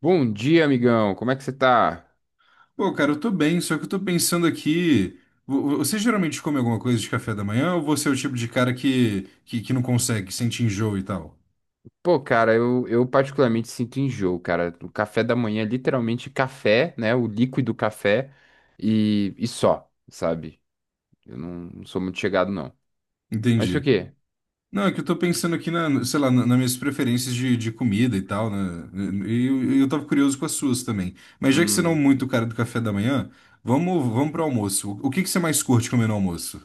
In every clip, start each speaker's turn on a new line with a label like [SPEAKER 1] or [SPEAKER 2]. [SPEAKER 1] Bom dia, amigão. Como é que você tá?
[SPEAKER 2] Pô, cara, eu tô bem, só que eu tô pensando aqui. Você geralmente come alguma coisa de café da manhã ou você é o tipo de cara que não consegue, que sente enjoo e tal?
[SPEAKER 1] Pô, cara, eu particularmente sinto enjoo, cara. O café da manhã é literalmente café, né? O líquido café e só, sabe? Eu não sou muito chegado, não. Mas o
[SPEAKER 2] Entendi.
[SPEAKER 1] quê?
[SPEAKER 2] Não, é que eu tô pensando aqui na, sei lá, nas minhas preferências de comida e tal, né? E eu tava curioso com as suas também. Mas já que você não é
[SPEAKER 1] Hum.
[SPEAKER 2] muito o cara do café da manhã, vamos pro almoço. O que que você mais curte comer no almoço?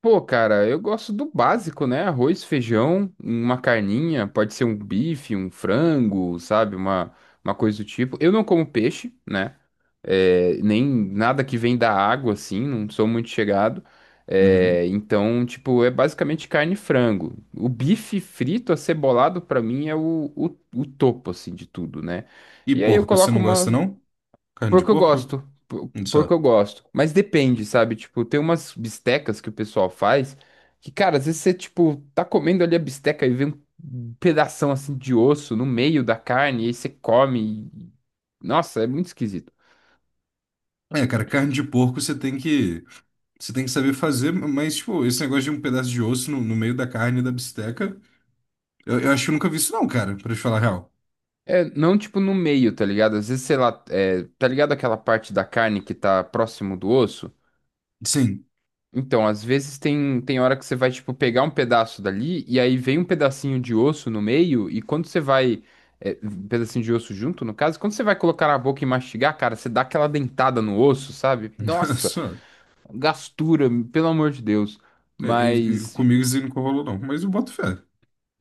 [SPEAKER 1] Pô, cara, eu gosto do básico, né? Arroz, feijão, uma carninha, pode ser um bife, um frango, sabe? Uma coisa do tipo. Eu não como peixe, né? É, nem nada que vem da água, assim, não sou muito chegado.
[SPEAKER 2] Uhum.
[SPEAKER 1] É, então, tipo, é basicamente carne e frango. O bife frito, acebolado, pra mim é o topo, assim, de tudo, né?
[SPEAKER 2] E
[SPEAKER 1] E aí eu
[SPEAKER 2] porco, você
[SPEAKER 1] coloco
[SPEAKER 2] não gosta,
[SPEAKER 1] uma,
[SPEAKER 2] não? Carne de
[SPEAKER 1] Porco eu
[SPEAKER 2] porco?
[SPEAKER 1] gosto. por-
[SPEAKER 2] Olha
[SPEAKER 1] Porco eu
[SPEAKER 2] só.
[SPEAKER 1] gosto. Mas depende, sabe? Tipo, tem umas bistecas que o pessoal faz que, cara, às vezes você, tipo, tá comendo ali a bisteca e vê um pedação assim de osso no meio da carne e aí você come. Nossa, é muito esquisito.
[SPEAKER 2] É, cara, carne de porco você tem que. Você tem que saber fazer, mas, tipo, esse negócio de um pedaço de osso no meio da carne da bisteca, eu acho que eu nunca vi isso não, cara, pra te falar a real.
[SPEAKER 1] É, não tipo no meio, tá ligado? Às vezes, sei lá, é, tá ligado aquela parte da carne que tá próximo do osso?
[SPEAKER 2] Sim,
[SPEAKER 1] Então, às vezes tem, tem hora que você vai, tipo, pegar um pedaço dali e aí vem um pedacinho de osso no meio e quando você vai... É, um pedacinho de osso junto, no caso, quando você vai colocar na boca e mastigar, cara, você dá aquela dentada no osso, sabe? Nossa,
[SPEAKER 2] só.
[SPEAKER 1] gastura, pelo amor de Deus.
[SPEAKER 2] é, é,
[SPEAKER 1] Mas
[SPEAKER 2] comigo isso aí nunca rolou não, mas eu boto fé.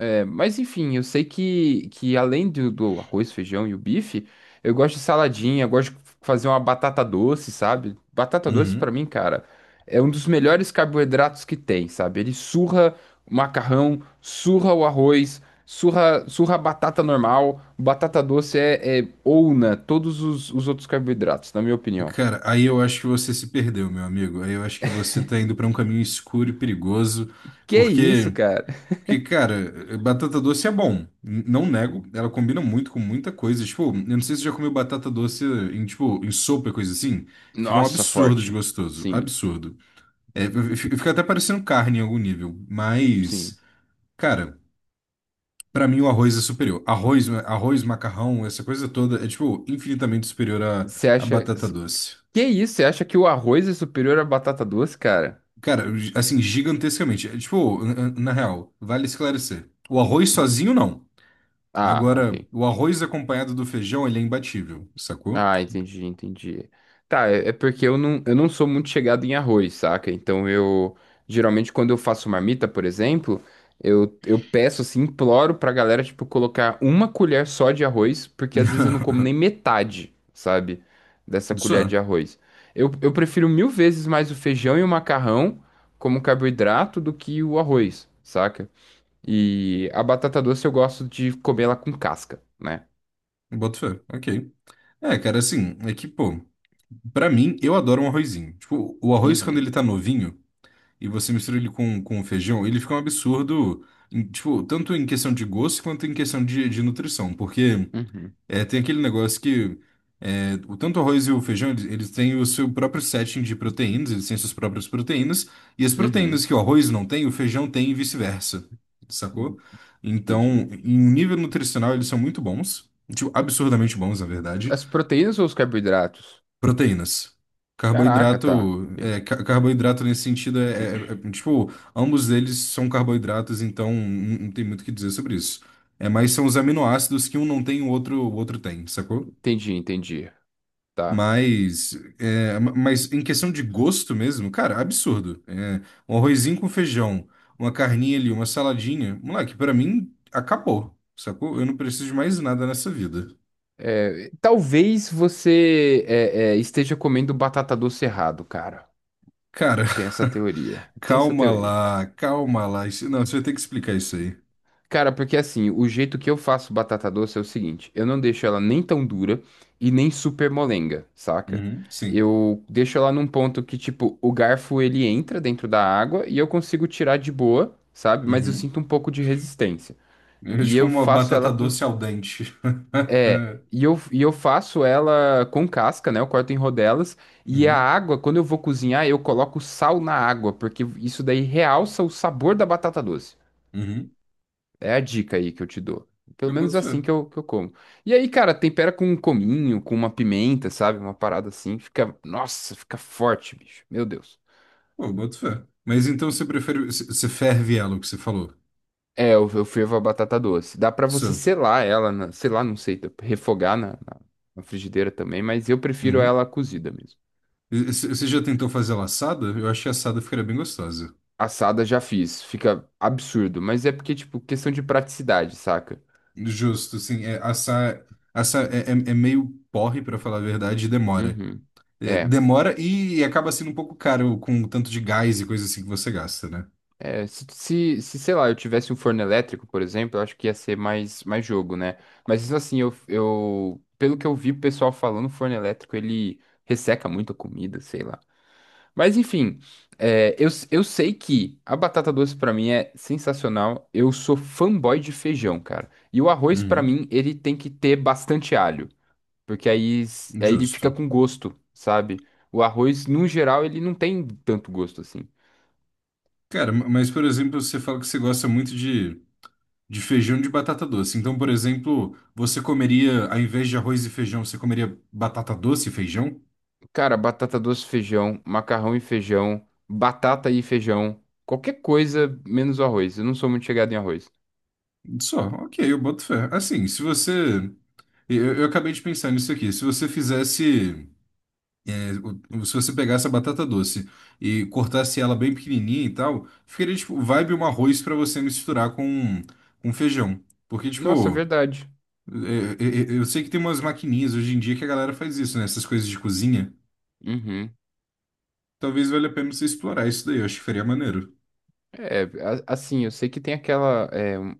[SPEAKER 1] é, mas enfim, eu sei que além do, do arroz, feijão e o bife, eu gosto de saladinha, eu gosto de fazer uma batata doce, sabe? Batata doce
[SPEAKER 2] Uhum.
[SPEAKER 1] pra mim, cara, é um dos melhores carboidratos que tem, sabe? Ele surra o macarrão, surra o arroz, surra, surra a batata normal. Batata doce é, é ouna todos os outros carboidratos, na minha opinião.
[SPEAKER 2] Cara, aí eu acho que você se perdeu, meu amigo. Aí eu acho que você tá indo pra um caminho escuro e perigoso,
[SPEAKER 1] Que isso,
[SPEAKER 2] porque,
[SPEAKER 1] cara?
[SPEAKER 2] porque, cara, batata doce é bom. Não nego, ela combina muito com muita coisa. Tipo, eu não sei se você já comeu batata doce em, tipo, em sopa e coisa assim. Fica um
[SPEAKER 1] Nossa,
[SPEAKER 2] absurdo de
[SPEAKER 1] forte.
[SPEAKER 2] gostoso,
[SPEAKER 1] Sim,
[SPEAKER 2] absurdo. É, eu fico fica até parecendo carne em algum nível,
[SPEAKER 1] sim.
[SPEAKER 2] mas, cara, pra mim o arroz é superior. Arroz, macarrão, essa coisa toda é, tipo, infinitamente superior à,
[SPEAKER 1] Você
[SPEAKER 2] à
[SPEAKER 1] acha.
[SPEAKER 2] batata doce.
[SPEAKER 1] Que isso? Você acha que o arroz é superior à batata doce, cara?
[SPEAKER 2] Cara, assim, gigantescamente. É, tipo, na, na real, vale esclarecer. O arroz
[SPEAKER 1] Hum.
[SPEAKER 2] sozinho, não.
[SPEAKER 1] Ah,
[SPEAKER 2] Agora,
[SPEAKER 1] ok.
[SPEAKER 2] o arroz acompanhado do feijão, ele é imbatível, sacou?
[SPEAKER 1] Ah, entendi, entendi. Tá, é, é porque eu não sou muito chegado em arroz, saca? Então eu, geralmente quando eu faço marmita, por exemplo, eu peço assim, imploro pra galera, tipo, colocar uma colher só de arroz, porque às vezes eu não como nem metade, sabe? Dessa colher
[SPEAKER 2] Só,
[SPEAKER 1] de arroz. Eu prefiro mil vezes mais o feijão e o macarrão como carboidrato do que o arroz, saca? E a batata doce eu gosto de comer ela com casca, né?
[SPEAKER 2] boto fé, ok. É, cara, assim, é que, pô, pra mim, eu adoro um arrozinho. Tipo, o arroz quando
[SPEAKER 1] Uhum,
[SPEAKER 2] ele tá novinho. E você mistura ele com feijão, ele fica um absurdo, tipo, tanto em questão de gosto quanto em questão de nutrição, porque
[SPEAKER 1] uhum,
[SPEAKER 2] é, tem aquele negócio que é, o tanto o arroz e o feijão, eles têm o seu próprio setting de proteínas, eles têm suas próprias proteínas, e as proteínas
[SPEAKER 1] uhum.
[SPEAKER 2] que o arroz não tem, o feijão tem e vice-versa, sacou? Então,
[SPEAKER 1] Entendi.
[SPEAKER 2] em um nível nutricional, eles são muito bons, tipo, absurdamente bons, na verdade.
[SPEAKER 1] As proteínas ou os carboidratos?
[SPEAKER 2] Proteínas.
[SPEAKER 1] Caraca, tá.
[SPEAKER 2] Carboidrato, é, carboidrato nesse sentido é, tipo, ambos eles são carboidratos, então não, não tem muito o que dizer sobre isso. É, mas são os aminoácidos que um não tem, o outro tem, sacou?
[SPEAKER 1] Entendi, entendi. Tá.
[SPEAKER 2] Mas, é, mas em questão de gosto mesmo, cara, absurdo. É, um arrozinho com feijão, uma carninha ali, uma saladinha, moleque, pra mim acabou, sacou? Eu não preciso de mais nada nessa vida.
[SPEAKER 1] Talvez você é, é, esteja comendo batata doce errado, cara.
[SPEAKER 2] Cara,
[SPEAKER 1] Tem essa teoria. Tem essa
[SPEAKER 2] calma
[SPEAKER 1] teoria.
[SPEAKER 2] lá, calma lá. Não, você vai ter que explicar isso aí.
[SPEAKER 1] Cara, porque assim, o jeito que eu faço batata doce é o seguinte: eu não deixo ela nem tão dura e nem super molenga, saca?
[SPEAKER 2] Uhum, sim.
[SPEAKER 1] Eu deixo ela num ponto que, tipo, o garfo ele entra dentro da água e eu consigo tirar de boa, sabe? Mas eu
[SPEAKER 2] Uhum.
[SPEAKER 1] sinto um pouco de resistência.
[SPEAKER 2] É
[SPEAKER 1] E
[SPEAKER 2] tipo
[SPEAKER 1] eu
[SPEAKER 2] uma
[SPEAKER 1] faço ela
[SPEAKER 2] batata
[SPEAKER 1] com.
[SPEAKER 2] doce al dente.
[SPEAKER 1] É. E eu faço ela com casca, né? Eu corto em rodelas. E a
[SPEAKER 2] Uhum,
[SPEAKER 1] água, quando eu vou cozinhar, eu coloco sal na água, porque isso daí realça o sabor da batata doce.
[SPEAKER 2] uhum.
[SPEAKER 1] É a dica aí que eu te dou. Pelo
[SPEAKER 2] Eu
[SPEAKER 1] menos é
[SPEAKER 2] boto
[SPEAKER 1] assim
[SPEAKER 2] fé.
[SPEAKER 1] que eu como. E aí, cara, tempera com um cominho, com uma pimenta, sabe? Uma parada assim. Fica. Nossa, fica forte, bicho. Meu Deus.
[SPEAKER 2] Pô, eu boto fé. Mas então você prefere. Você ferve ela, o que você falou?
[SPEAKER 1] É, eu fervo a batata doce. Dá pra você
[SPEAKER 2] Isso.
[SPEAKER 1] selar ela, na, sei lá, não sei, refogar na na frigideira também, mas eu prefiro
[SPEAKER 2] Uhum.
[SPEAKER 1] ela cozida mesmo.
[SPEAKER 2] Você já tentou fazer ela assada? Eu achei assada ficaria bem gostosa.
[SPEAKER 1] Assada já fiz. Fica absurdo. Mas é porque, tipo, questão de praticidade, saca?
[SPEAKER 2] Justo, sim. É, assar, assar é, é meio porre, pra falar a verdade, e demora.
[SPEAKER 1] Uhum.
[SPEAKER 2] É,
[SPEAKER 1] É.
[SPEAKER 2] demora e acaba sendo um pouco caro com o tanto de gás e coisa assim que você gasta, né?
[SPEAKER 1] É, se, sei lá, eu tivesse um forno elétrico, por exemplo, eu acho que ia ser mais, mais jogo, né? Mas isso assim, eu, pelo que eu vi o pessoal falando, o forno elétrico ele resseca muito a comida, sei lá. Mas enfim, é, eu sei que a batata doce pra mim é sensacional. Eu sou fanboy de feijão, cara. E o arroz pra
[SPEAKER 2] Uhum,
[SPEAKER 1] mim, ele tem que ter bastante alho, porque aí, aí ele fica
[SPEAKER 2] justo.
[SPEAKER 1] com gosto, sabe? O arroz, no geral, ele não tem tanto gosto assim.
[SPEAKER 2] Cara, mas por exemplo, você fala que você gosta muito de feijão de batata doce. Então, por exemplo, você comeria, ao invés de arroz e feijão, você comeria batata doce e feijão?
[SPEAKER 1] Cara, batata doce, feijão, macarrão e feijão, batata e feijão, qualquer coisa menos o arroz. Eu não sou muito chegado em arroz.
[SPEAKER 2] Só, ok, eu boto fé. Assim, se você. Eu acabei de pensar nisso aqui. Se você fizesse. É, se você pegar essa batata doce e cortasse ela bem pequenininha e tal, ficaria tipo vibe um arroz pra você misturar com feijão. Porque,
[SPEAKER 1] Nossa,
[SPEAKER 2] tipo,
[SPEAKER 1] verdade.
[SPEAKER 2] é, eu sei que tem umas maquininhas hoje em dia que a galera faz isso, né? Essas coisas de cozinha.
[SPEAKER 1] Uhum.
[SPEAKER 2] Talvez valha a pena você explorar isso daí, eu acho que faria maneiro.
[SPEAKER 1] É, assim, eu sei que tem aquela, é, um-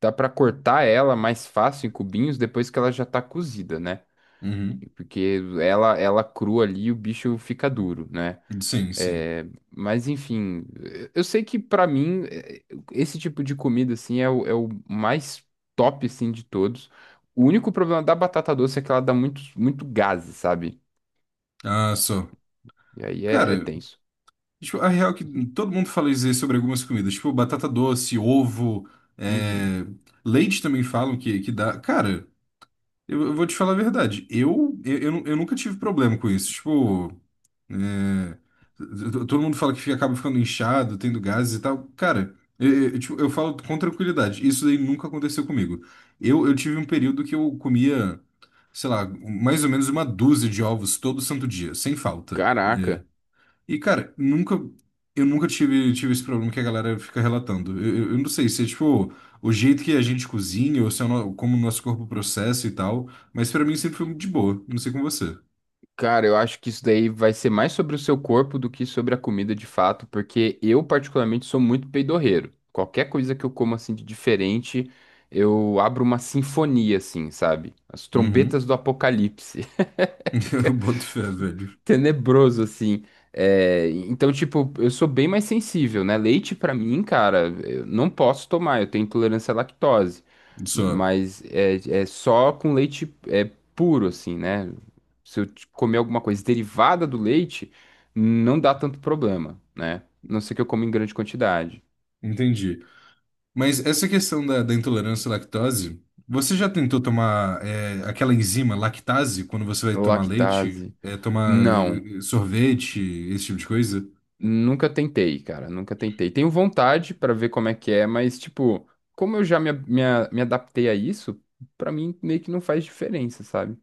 [SPEAKER 1] dá pra cortar ela mais fácil em cubinhos depois que ela já tá cozida, né?
[SPEAKER 2] Uhum.
[SPEAKER 1] Porque ela crua ali, o bicho fica duro, né?
[SPEAKER 2] Sim, sim.
[SPEAKER 1] É, mas enfim, eh, eu sei que pra mim eh, esse tipo de comida assim é o mais top assim de todos. O único problema da batata doce é que ela dá muito, muito gás, sabe?
[SPEAKER 2] Ah, só.
[SPEAKER 1] E aí é, é
[SPEAKER 2] Cara,
[SPEAKER 1] tenso.
[SPEAKER 2] tipo, a real é que todo mundo fala isso aí sobre algumas comidas, tipo batata doce, ovo,
[SPEAKER 1] Uhum.
[SPEAKER 2] é, leite também falam que dá. Cara. Eu vou te falar a verdade. Eu nunca tive problema com isso. Tipo, é, t- todo mundo fala que acaba ficando inchado, tendo gases e tal. Cara, eu, tipo, eu falo com tranquilidade. Isso daí nunca aconteceu comigo. Eu tive um período que eu comia, sei lá, mais ou menos uma dúzia de ovos todo santo dia, sem falta. É,
[SPEAKER 1] Caraca,
[SPEAKER 2] e, cara, nunca. Eu nunca tive, tive esse problema que a galera fica relatando. Eu não sei se é tipo o jeito que a gente cozinha ou se é o como o nosso corpo processa e tal, mas pra mim sempre foi muito de boa. Não sei com você.
[SPEAKER 1] cara, eu acho que isso daí vai ser mais sobre o seu corpo do que sobre a comida de fato, porque eu particularmente sou muito peidorreiro. Qualquer coisa que eu como assim de diferente, eu abro uma sinfonia assim, sabe? As
[SPEAKER 2] Uhum.
[SPEAKER 1] trombetas do apocalipse.
[SPEAKER 2] Eu boto fé, velho.
[SPEAKER 1] Tenebroso, assim. É, então, tipo, eu sou bem mais sensível, né? Leite, pra mim, cara, eu não posso tomar, eu tenho intolerância à lactose.
[SPEAKER 2] Só.
[SPEAKER 1] Mas é, é só com leite é, puro, assim, né? Se eu comer alguma coisa derivada do leite, não dá tanto problema, né? A não ser que eu coma em grande quantidade.
[SPEAKER 2] Entendi. Mas essa questão da, da intolerância à lactose, você já tentou tomar é, aquela enzima lactase quando você vai tomar leite,
[SPEAKER 1] Lactase.
[SPEAKER 2] é, tomar
[SPEAKER 1] Não.
[SPEAKER 2] sorvete, esse tipo de coisa?
[SPEAKER 1] Nunca tentei, cara, nunca tentei. Tenho vontade pra ver como é que é, mas, tipo, como eu já me adaptei a isso, pra mim meio que não faz diferença, sabe?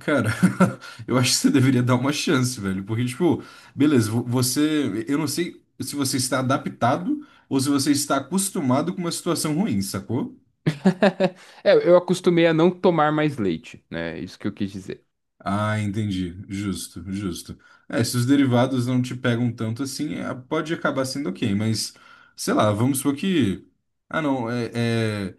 [SPEAKER 2] Cara, eu acho que você deveria dar uma chance, velho. Porque, tipo, beleza, você. Eu não sei se você está adaptado ou se você está acostumado com uma situação ruim, sacou?
[SPEAKER 1] É, eu acostumei a não tomar mais leite, né? Isso que eu quis dizer.
[SPEAKER 2] Ah, entendi. Justo, justo. É, se os derivados não te pegam tanto assim, é, pode acabar sendo ok, mas sei lá, vamos supor que. Ah, não, é. É,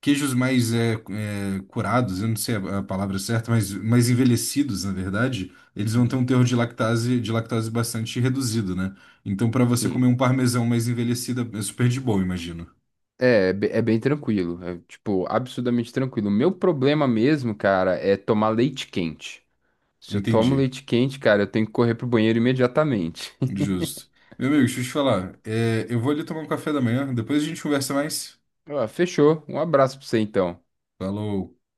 [SPEAKER 2] queijos mais é, é, curados, eu não sei a palavra certa, mas mais envelhecidos, na verdade, eles vão ter
[SPEAKER 1] Uhum.
[SPEAKER 2] um teor de lactase bastante reduzido, né? Então, para você comer
[SPEAKER 1] Sim.
[SPEAKER 2] um parmesão mais envelhecido, é super de boa, imagino.
[SPEAKER 1] É, é bem tranquilo, é, tipo, absurdamente tranquilo. O meu problema mesmo, cara, é tomar leite quente. Se eu tomo
[SPEAKER 2] Entendi.
[SPEAKER 1] leite quente, cara, eu tenho que correr pro banheiro imediatamente.
[SPEAKER 2] Justo. Meu amigo, deixa eu te falar. É, eu vou ali tomar um café da manhã, depois a gente conversa mais.
[SPEAKER 1] Ah, fechou. Um abraço pra você então.
[SPEAKER 2] Falou.